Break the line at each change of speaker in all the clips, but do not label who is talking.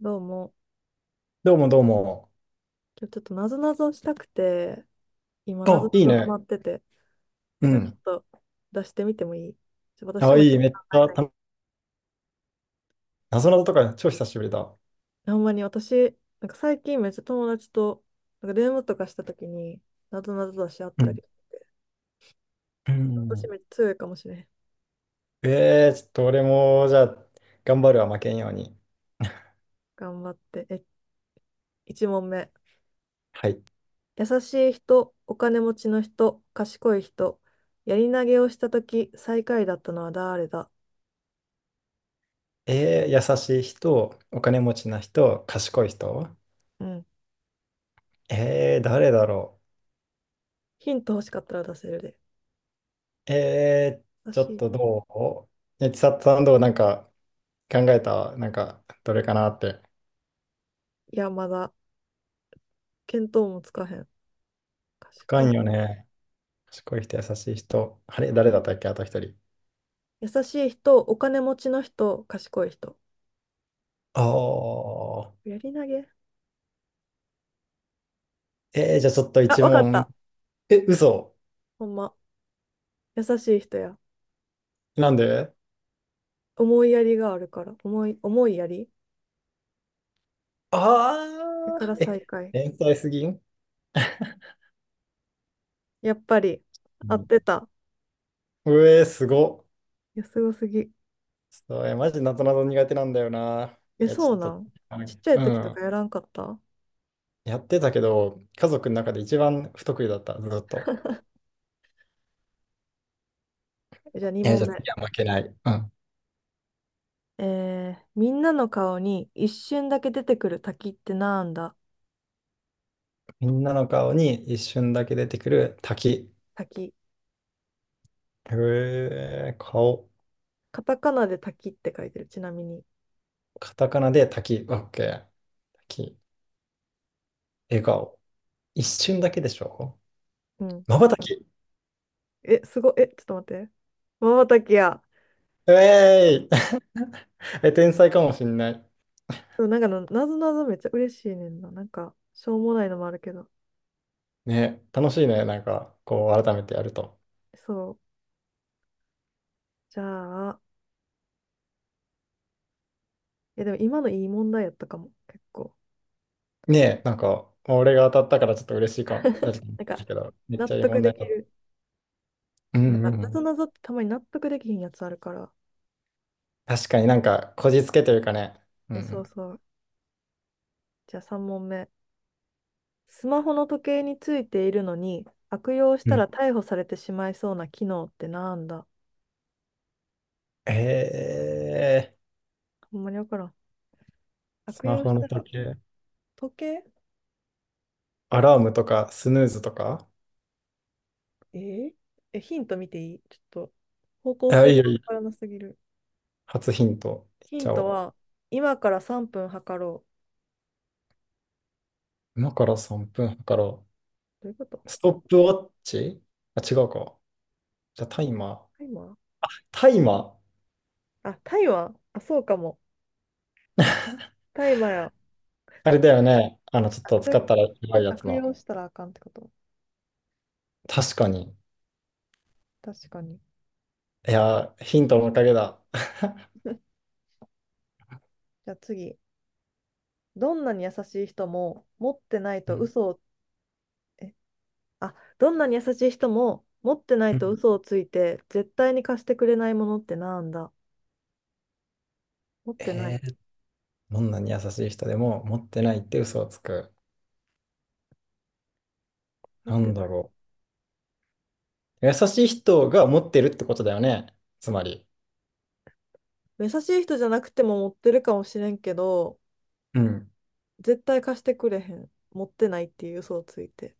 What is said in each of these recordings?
どうも。
どうもどうも。
今日ちょっとなぞなぞしたくて、今なぞ
あ、
な
いい
ぞハ
ね。
マってて、
う
なんかちょっ
ん。
と出してみてもいい？私
あ、
も一
い
緒
い。
に考
めっち
え
ゃ
たい。
た、謎謎とか超久しぶりだ。
ほんまに私、なんか最近めっちゃ友達と、なんか電話とかした時に、なぞなぞ出しあっ
う
た
ん。
り、
う
私
ん。
めっちゃ強いかもしれん。
ちょっと俺も、じゃあ、頑張るは負けんように。
頑張って。1問目。
はい。
優しい人、お金持ちの人、賢い人、やり投げをした時、最下位だったのは誰だ？
えー、優しい人、お金持ちな人、賢い人。
うん。
えー、誰だろ
ヒント欲しかったら出せるで。
う。えー、
優
ちょ
し
っ
い。
とどうえ、千里さんどうなんか考えたどれかなって。
いや、まだ、見当もつかへん。賢い
深いよ
人。
ね。賢い人、優しい人。あれ、誰だったっけあと一人。
優しい人、お金持ちの人、賢い人。
ああ。
やり投げ。
えー、じゃあちょっと
あ、
一
わかっ
問。
た。
え、嘘。
ほんま。優しい人や。
なんで？
思いやりがあるから。思いやりだ
ああ
から
ー、
最
え、
下位。
天才すぎん？
やっぱり、
う
合っ
ん。
てた。
うえー、すごっ。
いや、すごすぎ。
そう、え、マジなぞなぞ苦手なんだよな。
え、
いや、ち
そう
ょ
な
っと、
ん？
は
ちっ
い、
ちゃ
う
い時とか
ん。
やらんかった？
やってたけど、家族の中で一番不得意だった、ずっと。
じゃあ
え、じゃあ
2問
次
目。
は負けない。うん。
みんなの顔に一瞬だけ出てくる滝ってなんだ？
みんなの顔に一瞬だけ出てくる滝。
滝。
うえー、顔。
カタカナで滝って書いてる、ちなみに。
カタカナで滝。オッケー。滝。笑顔。一瞬だけでしょ？
うん。
まばたき。
え、え、ちょっと待って。まばたきや。
うえーい。え、天才かもしんない。
そう、なんかの、なぞなぞめっちゃ嬉しいねんな。なんか、しょうもないのもあるけど。
ね、楽しいね。なんか、こう、改めてやると。
そう。じゃあ、いやでも今のいい問題やったかも、結構。
ねえ、なんか、俺が当たったからちょっと嬉しいかも。だけ
なんか、
ど、めっ
納
ちゃいい
得
問
で
題
き
だっ
る。
た。う
なん
ん
か、
うんう
なぞ
ん。
なぞってたまに納得できひんやつあるから。
確かになんか、こじつけというかね。う
え、そ
ん
うそう。じゃあ3問目。スマホの時計についているのに、悪用し
うん。
た
う
ら
ん。
逮捕されてしまいそうな機能ってなんだ？
えー、
ほんまにわからん。
ス
悪
マ
用し
ホの
たら、
時計、
時計。
アラームとか、スヌーズとか。
えーえ、ヒント見ていい？ちょっと、方向
あ、
性
いいよ
が
い
わ
いよ。
からなすぎる。
初ヒント、いっ
ヒ
ち
ン
ゃお
トは、
う。
今から3分測ろ
今から3分測ろ
う。どういうこと？
う。ストップウォッチ。あ、違うか。じゃあ、タイマー。
タイマー？
タイマー。
あ、タイマー、あ、そうかも。タイマーや。
あれだよね。あの、ちょっと
そ
使
れ
ったらやばいやつ
悪
の。
用したらあかんってこと？
確かに。
確かに。
いやー、ヒントのおかげだ。
じゃあ次。どんなに優しい人も持ってない
う
と
ん
嘘を、え、あ、どんなに優しい人も持ってな
う
いと
ん。
嘘をついて絶対に貸してくれないものってなんだ？持っ てな
え
い。
ー、どんなに優しい人でも持ってないって嘘をつく。
持っ
な
て
ん
な
だ
い。
ろう。優しい人が持ってるってことだよね。つまり。
優しい人じゃなくても持ってるかもしれんけど、
うん。
絶対貸してくれへん。持ってないっていう嘘をついて。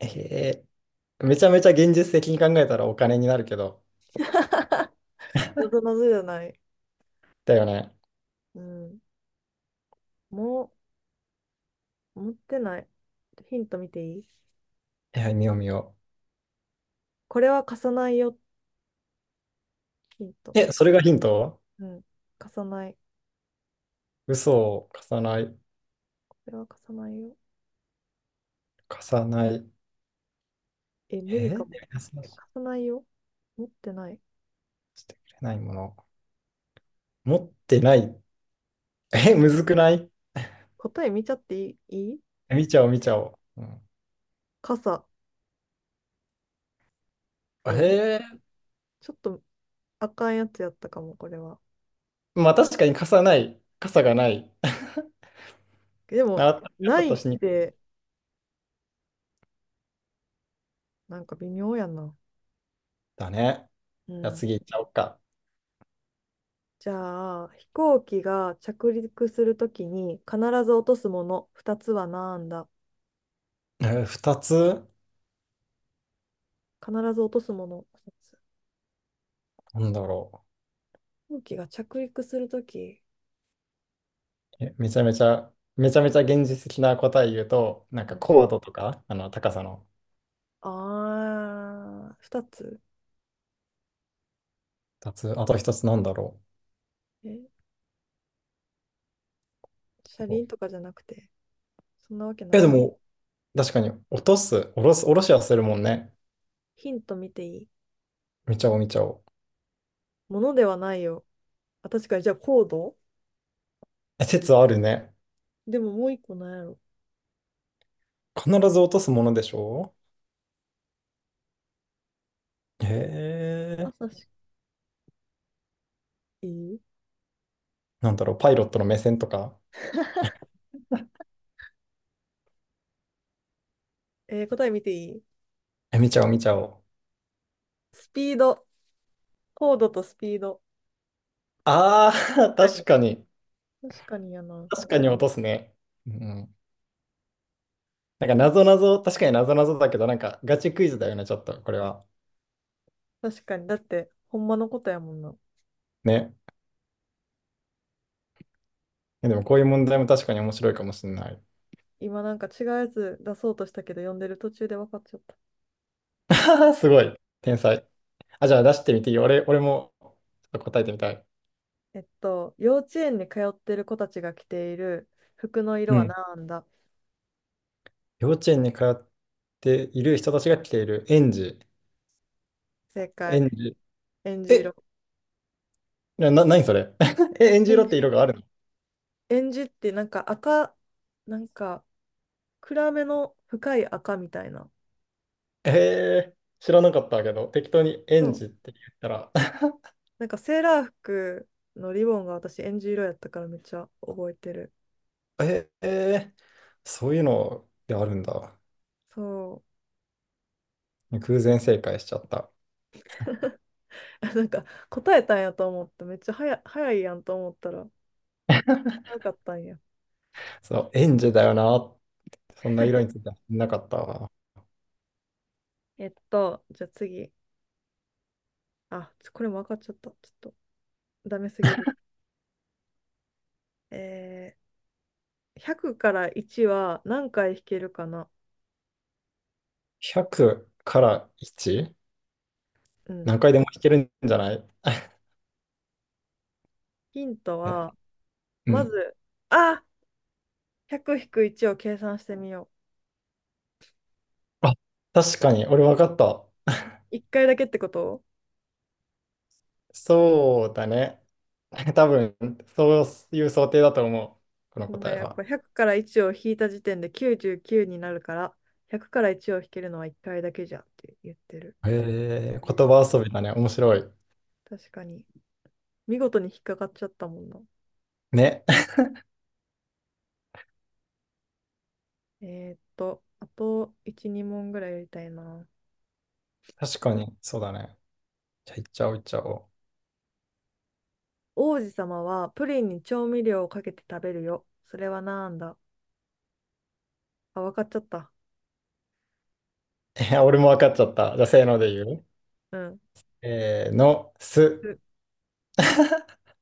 えー、めちゃめちゃ現実的に考えたらお金になるけど。
謎謎じゃない？
だよね。
うん。もう、持ってない。ヒント見ていい？
いや、見よう見よ
これは貸さないよ。ヒント。
う。え、それがヒント？
うん。貸さない。
嘘を重ない、
これは貸さないよ。
重ない。
え、無理
えー、
かも。
優し
え、
く
貸さないよ。持ってない。
してくれないもの。持ってない。 え、むずくない？
答え見ちゃっていい、いい？
見ちゃおう、見ちゃおう。う
傘。
ん、
え
へえ。
ちょっとあかんやつやったかも、これは。
まあ確かに傘ない、傘がない。
で も、
あ、ち
な
ょっ
いっ
としにくい。
て、なんか微妙やな。
だね。
う
じゃあ
ん。
次行っちゃおうか。
じゃあ、飛行機が着陸するときに必ず落とすもの、二つはなんだ？
えー、二つ、
必ず落とすもの。
なんだろ
飛行機が着陸するとき、
う。え、めちゃめちゃ現実的な答え言うと、なん
う
か
ん。
高度とか、あの高さの。
ああ、二つ？
二つ、あと一つなんだろ
え、車
う。
輪とかじゃなくて、そんなわけな
え、
い
で
か。
も、確かに落とす、下ろす、下ろしはするもんね。
ヒント見ていい？
見ちゃおう、見ちゃおう。
ものではないよ。あ、確かに、じゃあコード？
え、説あるね。
でももう一個なんやろ。
必ず落とすものでしょ？へ
朝
え、
し、いい。
なんだろう、パイロットの目線とか。
答え見ていい？
え、見ちゃおう、見ちゃおう。
スピード。コードとスピード。
あ
確
あ、
か
確
に。
かに。
確かにやな。
確かに落とすね。うん。なんか、なぞなぞ、確かになぞなぞだけど、なんか、ガチクイズだよね、ちょっと、これは。
確かに。だって、ほんまのことやもんな。
ね。えでも、こういう問題も確かに面白いかもしれない。
今なんか違うやつ出そうとしたけど、読んでる途中で分かっちゃった。
あーすごい。天才。あ、じゃあ、出してみていいよ。俺も、ちょっと答えてみたい。
幼稚園に通ってる子たちが着ている服の色
う
は
ん。
何だ？
幼稚園に通っている人たちが着ている園児。
正解。
園児。
えんじ色。
え、何それ。 え、園児
え
色
ん
って
じ
色があるの？
えんじってなんか赤、なんか暗めの深い赤みたいな。
ええー、知らなかったけど、適当に
そ
園
う。
児って言ったら、
なんかセーラー服のリボンが私えんじ色やったからめっちゃ覚えてる。
ええー、そういうのであるんだ。
そ
偶然正解しちゃった。
う。なんか答えたんやと思って、めっちゃ早いやんと思ったら、よかったんや。
そう、園児だよな。そんな色についてはなかったわ。
じゃあ次。あ、これも分かっちゃった。ちょっと、ダメすぎる。えー100から1は何回引けるかな。
100から 1？
うん。
何回でも弾けるんじゃない？
ヒント
え、
は、
う
ま
ん。
ず、あ !100 引く1を計算してみよ
あ、確かに、俺分かった。
う。1回だけってこと？
そうだね。多分、そういう想定だと思う。この
お
答
前
え
やっ
は。
ぱ100から1を引いた時点で99になるから、100から1を引けるのは1回だけじゃんって言ってる。
え、え、
リー
言
さん、
葉遊びだね。面白い。
確かに。見事に引っかかっちゃったもんな。
ね。
えあと1、2問ぐらいやりたいな。
確かに、そうだね。じゃあ、いっちゃおう、いっちゃおう。
王子様はプリンに調味料をかけて食べるよ。それはなんだ？あ、わかっちゃった。
え、俺も分かっちゃった。じゃあ、せーので言う。
うん。
せーの、す。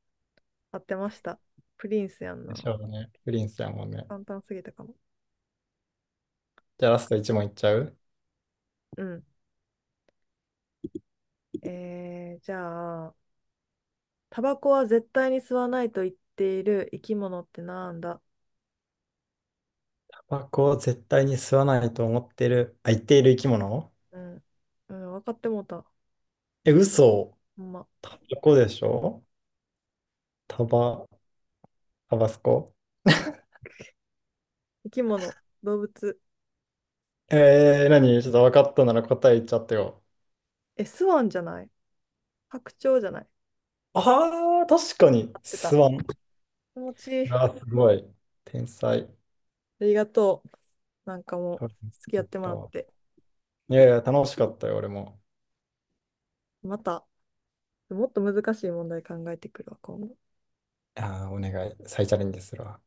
合ってました。プリンスやん
でし
な。
ょうね。プリンスだもんね。
簡単すぎたかも。
じゃあ、ラスト1問いっちゃう。
うん。じゃあ、タバコは絶対に吸わないと言っている生き物ってなんだ？
タバコを絶対に吸わないと思ってる、あ、言っている生き物。
うん。うん、分かってもうた。
え、嘘。
ほんま。
タバコでしょ？タバ、タバスコ。
生き物、動物。
えー、何？ちょっと分かったなら答え言っちゃってよ。
え、スワンじゃない？白鳥じゃない？
あー、確かに、
合って
吸
た。
わん。
気持ちいい。
う
あ
わ、すごい。天才。ち
りがとう。なんかもう、付き合
ょ
っ
っ
てもらっ
と。
て。
いやいや、楽しかったよ、俺も。
また、もっと難しい問題考えてくるわ、今後。
ああ、お願い。再チャレンジするわ。